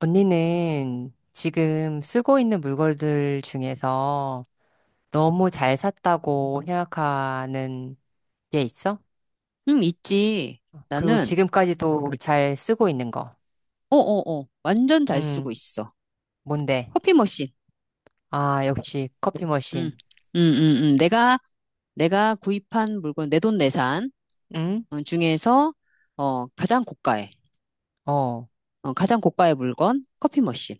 언니는 지금 쓰고 있는 물건들 중에서 너무 잘 샀다고 생각하는 게 있어? 응, 있지. 그리고 나는, 지금까지도 잘 쓰고 있는 거. 완전 잘 쓰고 음, 있어. 뭔데? 커피 머신. 아, 역시 커피 응, 머신. 응, 응, 응. 내가 구입한 물건, 내돈 내산 응? 중에서, 어, 가장 고가의, 어, 가장 고가의 물건, 커피 머신.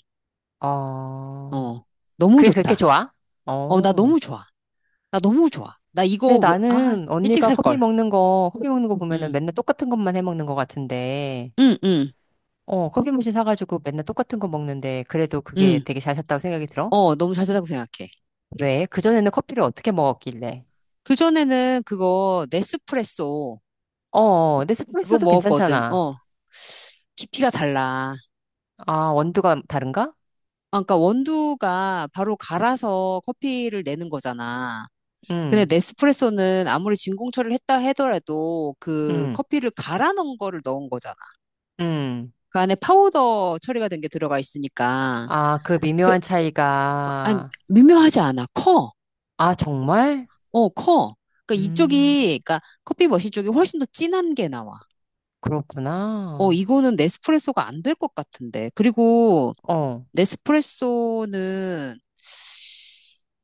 어. 어, 너무 그게 그렇게 좋다. 좋아? 나 어. 너무 좋아. 나 너무 좋아. 나 근데 이거 왜, 아, 나는 일찍 언니가 살걸. 커피 먹는 거 보면은 응, 맨날 똑같은 것만 해 먹는 것 같은데, 응, 응, 어, 커피 머신 사가지고 맨날 똑같은 거 먹는데, 그래도 그게 응. 되게 잘 샀다고 생각이 들어? 너무 잘 산다고 생각해. 왜? 그전에는 커피를 어떻게 먹었길래? 그전에는 그거, 네스프레소, 어, 그거 네스프레소도 먹었거든. 괜찮잖아. 깊이가 달라. 아, 원두가 다른가? 아, 그러니까 원두가 바로 갈아서 커피를 내는 거잖아. 근데 응, 네스프레소는 아무리 진공 처리를 했다 하더라도 그 응, 커피를 갈아 넣은 거를 넣은 거잖아. 응. 그 안에 파우더 처리가 된 게 들어가 있으니까 아, 그 그 미묘한 아니 차이가. 미묘하지 않아. 커. 아, 정말? 커. 그러니까 음, 이쪽이 그러니까 커피 머신 쪽이 훨씬 더 진한 게 나와. 그렇구나. 이거는 네스프레소가 안 될 것 같은데. 그리고 어, 네스프레소는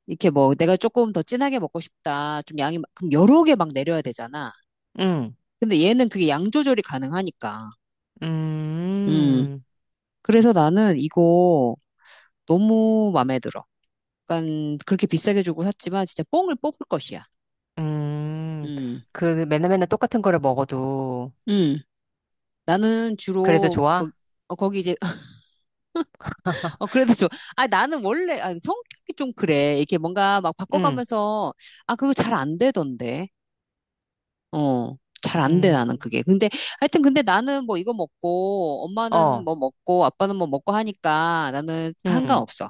이렇게 뭐 내가 조금 더 진하게 먹고 싶다. 좀 양이 막- 그럼 여러 개 막 내려야 되잖아. 응, 근데 얘는 그게 양 조절이 가능하니까. 음. 음, 그래서 나는 이거 너무 마음에 들어. 약간 그렇게 비싸게 주고 샀지만 진짜 뽕을 뽑을 것이야. 음. 음. 그 맨날 맨날 똑같은 거를 먹어도 음. 나는 그래도 주로 거, 좋아? 거기 이제 그래도 좀 나는 원래 아, 성격이 좀 그래. 이게 뭔가 막 응, 바꿔가면서 그거 잘 안 되던데. 어, 잘 안 돼, 나는 음, 그게. 근데, 하여튼, 근데 나는 뭐 이거 먹고, 엄마는 어, 뭐 먹고, 아빠는 뭐 먹고 하니까 나는 응, 상관없어.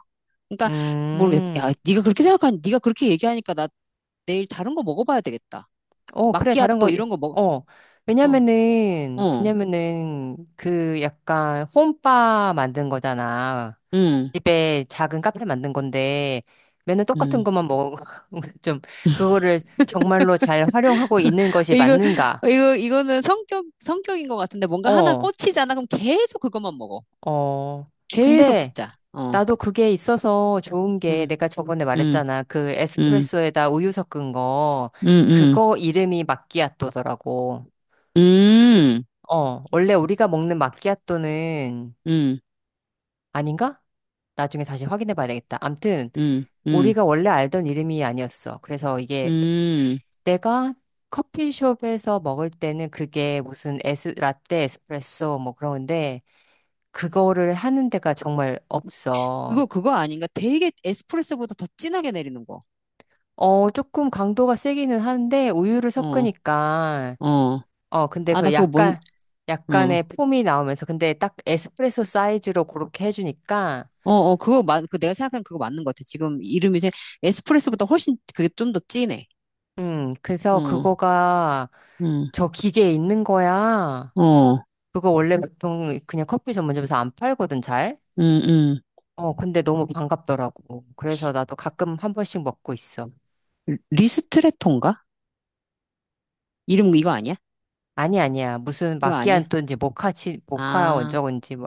그러니까, 모르겠어. 음, 야, 네가 그렇게 생각하니, 네가 그렇게 얘기하니까 나 내일 다른 거 먹어봐야 되겠다. 어, 그래, 다른 거, 마끼아또 이런 거 먹, 어. 어, 왜냐면은, 어, 왜냐면은, 그 약간 홈바 만든 거잖아. 음, 집에 작은 카페 만든 건데, 맨날 똑같은 음. 것만 먹어. 좀, 그거를 정말로 잘 활용하고 있는 것이 이거, 맞는가? 이거는 성격인 것 같은데 뭔가 하나 어, 꽂히잖아. 그럼 계속 그것만 먹어. 어. 계속 근데, 진짜. 어, 나도 그게 있어서 좋은 게, 음, 내가 저번에 음, 말했잖아. 그 음, 에스프레소에다 우유 섞은 거, 음, 그거 이름이 마끼아또더라고. 음, 어, 원래 우리가 먹는 마끼아또는 음, 음, 아닌가? 나중에 다시 확인해 봐야 되겠다. 암튼, 음, 음. 우리가 원래 알던 이름이 아니었어. 그래서 이게 음, 내가 커피숍에서 먹을 때는 그게 무슨 에스, 라떼, 에스프레소 뭐 그런 건데, 그거를 하는 데가 정말 없어. 그거, 그거 아닌가? 되게 에스프레소보다 더 진하게 내리는 거. 어, 조금 강도가 세기는 하는데, 우유를 어, 섞으니까, 어. 어, 근데 아, 나 그 그거 뭔, 약간, 응. 약간의 폼이 나오면서, 근데 딱 에스프레소 사이즈로 그렇게 해주니까, 그 내가 생각한 그거 맞는 것 같아. 지금 이름이 이제 에스프레소보다 훨씬 그게 좀 더 진해. 그래서 어, 그거가 응, 저 기계에 있는 거야. 어, 그거 원래 보통 그냥 커피 전문점에서 안 팔거든, 잘. 응, 응. 어, 근데 너무 반갑더라고. 그래서 나도 가끔 한 번씩 먹고 있어. 리스트레토인가? 이름 이거 아니야? 아니, 아니야. 무슨 그거 아니야? 마끼아또인지 모카치, 모카 아, 원적인지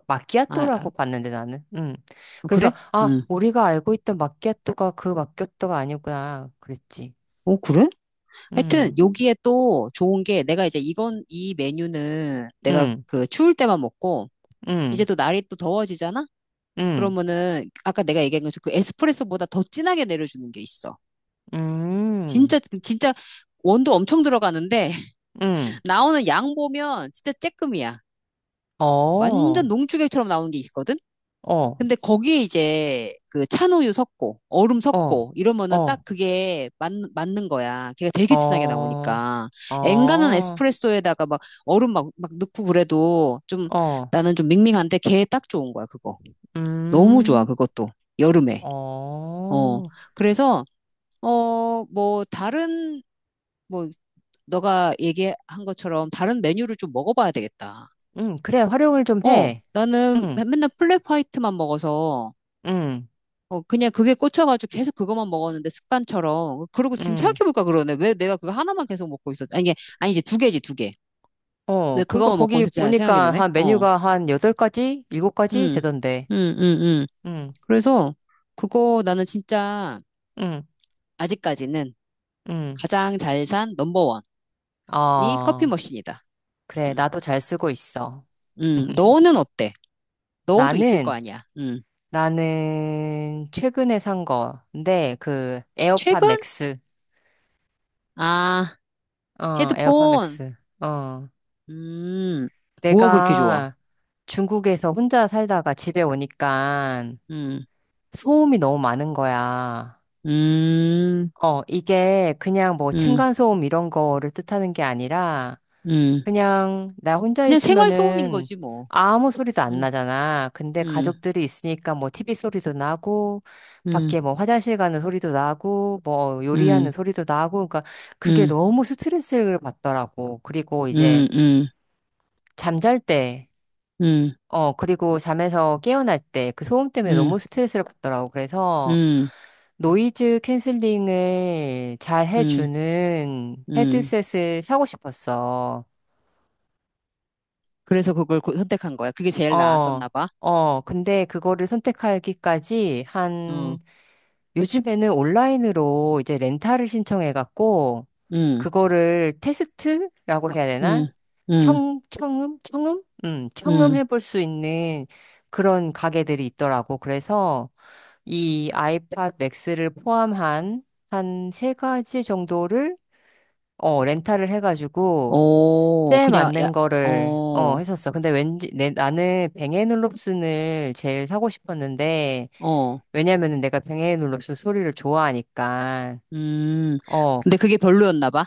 아, 아, 마끼아또라고 봤는데 나는. 음. 어, 그래서, 그래? 아, 응. 우리가 알고 있던 마끼아또가 그 마끼아또가 아니구나. 그랬지. 어, 그래? 하여튼, 음, 여기에 또 좋은 게 내가 이제 이건, 이 메뉴는 내가 음, 그 추울 때만 먹고, 이제 음, 또 날이 또 더워지잖아? 음, 그러면은 아까 내가 얘기한 것처럼 그 에스프레소보다 더 진하게 내려주는 게 있어. 음, 진짜 진짜 원두 엄청 들어가는데 음. 나오는 양 보면 진짜 쬐끔이야. 완전 어, 농축액처럼 나오는 게 있거든. 어. 근데 거기에 이제 그 찬우유 섞고 얼음 어, 섞고 이러면은 어, 맞는 거야. 걔가 되게 진하게 어, 나오니까. 엔간한 어, 에스프레소에다가 막 얼음 막 넣고 그래도 좀 어, 나는 좀 밍밍한데 걔 딱 좋은 거야, 그거. 너무 좋아, 음, 그것도. 여름에. 어. 어, 그래서 어, 뭐, 다른, 뭐, 너가 얘기한 것처럼 다른 메뉴를 좀 먹어봐야 되겠다. 그래, 활용을 좀 해. 나는 응, 맨날 플랫 화이트만 먹어서, 응, 어, 그냥 그게 꽂혀가지고 계속 그것만 먹었는데 습관처럼. 그러고 지금 응. 생각해볼까 그러네. 왜 내가 그거 하나만 계속 먹고 있었지? 아니, 이게, 아니지, 두 개지, 두 개. 어, 왜 그러니까 그거만 먹고 거기 있었지? 하는 생각이 보니까 드네. 한 어, 메뉴가 한 8가지? 7가지 음, 되던데. 음, 음, 음. 응, 그래서 그거 나는 진짜 응, 아직까지는 응. 가장 잘 산 넘버원이 커피 아, 머신이다. 그래, 음, 나도 잘 쓰고 있어. 너는 어때? 너도 있을 거 나는, 아니야. 음. 나는 최근에 산 거. 근데 그 에어팟 최근? 맥스. 아, 어, 에어팟 헤드폰. 맥스. 어. 음, 뭐가 그렇게 좋아? 내가 중국에서 혼자 살다가 집에 오니까 음, 소음이 너무 많은 거야. 음, 어, 이게 그냥 뭐 음, 층간소음 이런 거를 뜻하는 게 아니라 음. 그냥 나 혼자 그냥 생활 소음인 있으면은 거지 뭐. 아무 소리도 안 음, 나잖아. 근데 음, 가족들이 있으니까 뭐 TV 소리도 나고 음, 밖에 뭐 화장실 가는 소리도 나고 뭐 요리하는 음, 소리도 나고 그러니까 그게 음, 너무 스트레스를 받더라고. 그리고 이제 음, 음, 잠잘 때 음, 어, 그리고 잠에서 깨어날 때 그 소음 때문에 너무 음, 스트레스를 받더라고. 그래서 음, 노이즈 캔슬링을 잘 음, 해주는 음. 헤드셋을 사고 싶었어. 그래서 그걸 고- 선택한 거야. 그게 제일 어, 나았었나 봐. 어, 근데 그거를 선택하기까지 응, 한, 요즘에는 온라인으로 이제 렌탈을 신청해갖고, 응, 그거를 테스트라고 해야 되나? 응, 응, 청, 청음? 청음? 청음 응. 해볼 수 있는 그런 가게들이 있더라고. 그래서, 이 아이팟 맥스를 포함한 한 세 가지 정도를 어, 렌탈을 해가지고 오, 제일 그냥 야, 맞는 거를 어, 어, 했었어. 근데 왠지 나는 뱅앤올롭슨을 제일 사고 싶었는데 어, 왜냐면은 내가 뱅앤올롭슨 소리를 좋아하니까 음. 어, 근데 그게 별로였나 봐.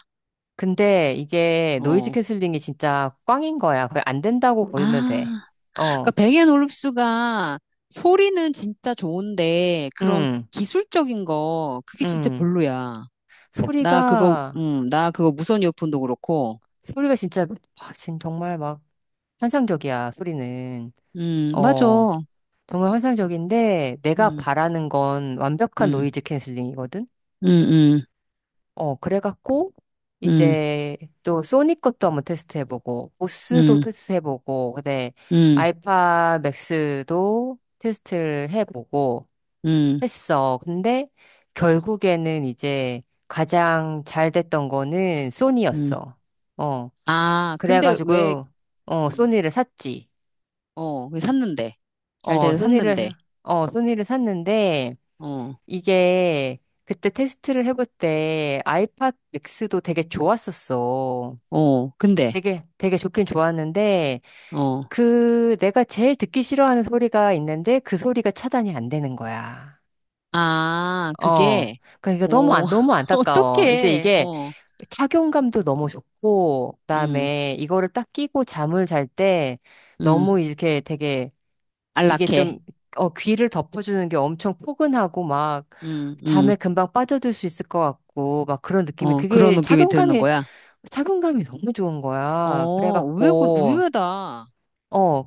근데 이게 노이즈 어, 캔슬링이 진짜 꽝인 거야. 거의 안 된다고 보면 돼. 아, 그러니까 어, 뱅앤 올립스가 소리는 진짜 좋은데 그런 음, 기술적인 거 그게 진짜 음. 별로야. 나 그거 소리가 나 그거 무선 이어폰도 그렇고. 소리가 진짜 와, 진 정말 막 환상적이야, 소리는. 맞아. 어, 정말 환상적인데, 내가 음, 바라는 건 완벽한 음, 노이즈 캔슬링이거든? 음, 음, 어, 그래갖고, 음, 이제 또 소니 것도 한번 테스트해보고, 보스도 테스트해보고, 근데 음, 음, 알파 맥스도 테스트를 해보고 음, 했어. 근데 결국에는 이제 가장 잘 됐던 거는 음. 소니였어. 어, 아, 근데 왜 그래가지고, 어, 음, 소니를 샀지. 어, 왜 샀는데. 잘 어, 돼서 샀는데. 소니를, 어, 소니를 샀는데, 어. 이게 그때 테스트를 해볼 때 아이팟 맥스도 되게 좋았었어. 어, 근데 되게, 되게 좋긴 좋았는데, 어. 그 내가 제일 듣기 싫어하는 소리가 있는데, 그 소리가 차단이 안 되는 거야. 아, 어. 그게 그러니까 너무, 어, 너무 안타까워. 이제 어떡해. 이게 어. 착용감도 너무 좋고, 음, 그다음에 이거를 딱 끼고 잠을 잘 때, 음, 너무 이렇게 되게 이게 안락해. 좀, 어, 귀를 덮어주는 게 엄청 포근하고 막 음, 음, 잠에 금방 빠져들 수 있을 것 같고 막 그런 느낌이 어, 그런 그게 느낌이 드는 착용감이, 거야. 착용감이 너무 좋은 거야. 그래갖고, 의외다. 어,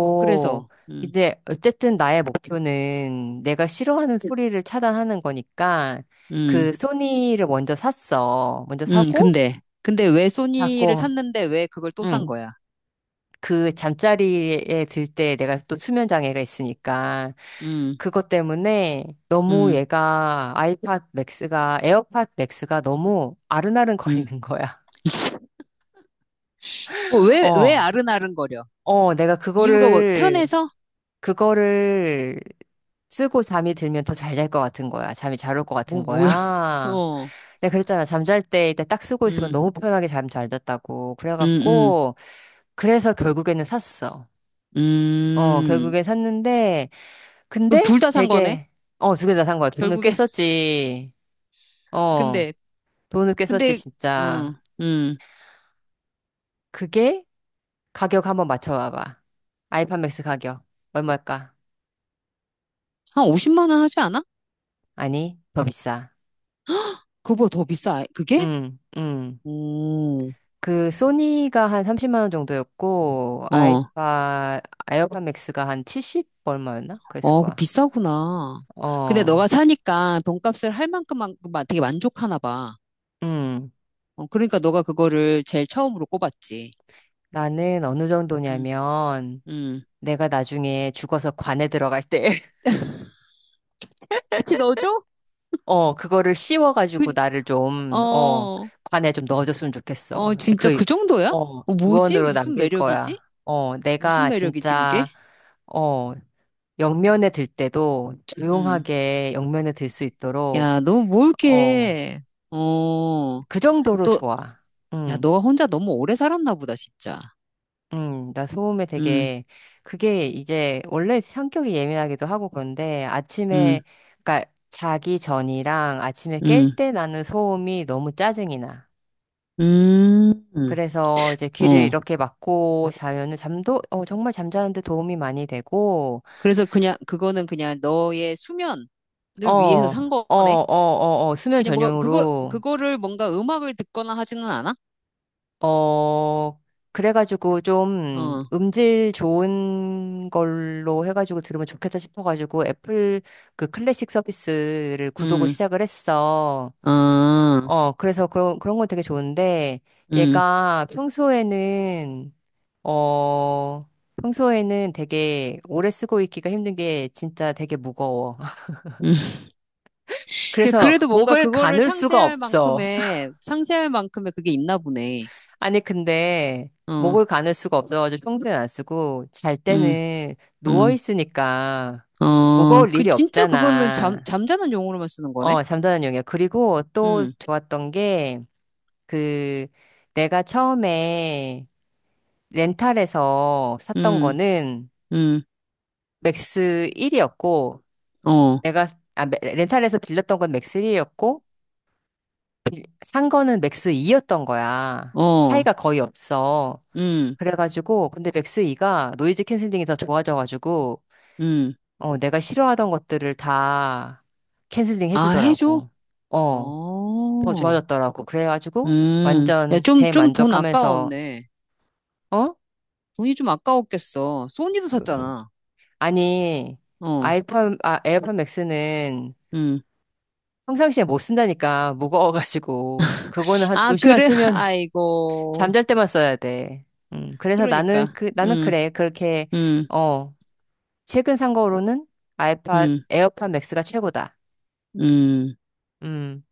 어, 그래서, 이제 어쨌든 나의 목표는 내가 싫어하는 소리를 차단하는 거니까 음, 그 소니를 먼저 샀어. 먼저 사고, 근데 왜 소니를 자꾸, 샀는데 왜 그걸 또 산 응. 거야? 그 잠자리에 들 때 내가 또 수면 장애가 있으니까 음, 그것 때문에 너무 음, 얘가 아이팟 맥스가 에어팟 맥스가 너무 아른아른 거리는 음. 거야. 왜 어. 아른아른거려? 어, 내가 이유가 뭐, 그거를 편해서? 그거를 쓰고 잠이 들면 더 잘 잘 것 같은 거야. 잠이 잘 올 것 같은 뭐야? 거야. 어, 내가 그랬잖아. 잠잘 때 일단 딱 쓰고 있으면 음, 너무 편하게 잠 잘 잤다고. 음, 음, 그래갖고, 그래서 결국에는 샀어. 어, 음. 결국엔 샀는데, 그럼 근데 둘 다 산 거네? 되게, 어, 두 개 다 산 거야. 돈을 결국에. 꽤 썼지. 어, 근데, 돈을 꽤 썼지, 근데, 진짜. 음, 음. 그게 가격 한번 맞춰봐봐. 아이팟맥스 가격. 얼마일까? 한 50만 원 하지 않아? 아니, 더 비싸. 그거보다 더 비싸, 그게? 음, 음. 음, 그, 소니가 한 30만 원 정도였고, 어, 에어팟 맥스가 한 70 얼마였나? 그랬을 어, 그거 거야. 비싸구나. 근데 어, 너가 사니까 돈값을 할 만큼만 되게 만족하나 봐. 음. 어, 그러니까 너가 그거를 제일 처음으로 꼽았지. 나는 어느 음, 정도냐면, 음. 내가 나중에 죽어서 관에 들어갈 때, 같이 넣어줘? 어, 그거를 씌워가지고 그, 나를 좀, 어, 어, 관에 좀 넣어줬으면 좋겠어. 어, 근데 진짜 그, 그 정도야? 어, 어, 뭐지? 유언으로 무슨 남길 매력이지? 거야. 어, 무슨 내가 매력이지, 그게? 진짜, 어, 영면에 들 때도 음. 조용하게 영면에 들 수 있도록, 야, 너 뭘 어, 이렇게, 어, 그 정도로 또, 좋아. 야, 응, 너가 혼자 너무 오래 살았나 보다, 진짜. 응, 나 소음에 음, 되게, 그게 이제 원래 성격이 예민하기도 하고 그런데 아침에, 음, 그러니까 자기 전이랑 아침에 깰 음, 때 나는 소음이 너무 짜증이 나. 음, 음. 그래서 이제 귀를 어. 이렇게 막고 자면은 잠도, 어, 정말 잠자는데 도움이 많이 되고, 그래서 그냥 그거는 그냥 너의 수면을 어, 위해서 어, 산 어, 거네. 어, 어, 수면 그냥 뭐가 그걸 전용으로, 그거를 뭔가 음악을 듣거나 하지는 않아? 어, 그래가지고 좀 어, 음질 좋은 걸로 해가지고 들으면 좋겠다 싶어가지고 애플 그 클래식 서비스를 구독을 음, 시작을 했어. 아, 어, 그래서 그런 건 되게 좋은데, 음, 얘가 평소에는 어, 평소에는 되게 오래 쓰고 있기가 힘든 게 진짜 되게 무거워. 음. 야, 그래서 그래도 뭔가 목을 그거를 가눌 수가 상세할 없어. 만큼의 상세할 만큼의 그게 있나 보네. 아니, 근데 어, 목을 가눌 수가 없어가지고 평소에는 안 쓰고 잘 음, 때는 누워 음, 있으니까 어, 무거울 그 일이 진짜 그거는 잠 없잖아. 잠자는 용어로만 쓰는 거네. 어, 잠자는 용이야. 그리고 또 음, 좋았던 게 그 내가 처음에 렌탈에서 샀던 음, 거는 음, 맥스 1이었고 어, 내가 아, 렌탈해서 빌렸던 건 맥스3였고 산 거는 맥스2였던 거야. 어, 차이가 거의 없어. 음, 그래가지고 근데 맥스2가 노이즈 캔슬링이 더 좋아져가지고 음. 어, 내가 싫어하던 것들을 다 캔슬링 아, 해줘. 해주더라고. 어, 더 어. 좋아졌더라고. 그래가지고 야, 완전 좀 돈 대만족하면서 아까웠네. 어? 돈이 좀 아까웠겠어. 소니도 샀잖아. 아니, 어, 아이폰 아 에어팟 맥스는 음. 평상시에 못 쓴다니까 무거워가지고 그거는 한 아, 두 시간 그래? 쓰면 아이고. 잠잘 때만 써야 돼. 그래서 그러니까. 나는 그, 나는 음, 그래. 그렇게, 음, 어, 최근 산 거로는 음, 에어팟 맥스가 최고다. 음. 음,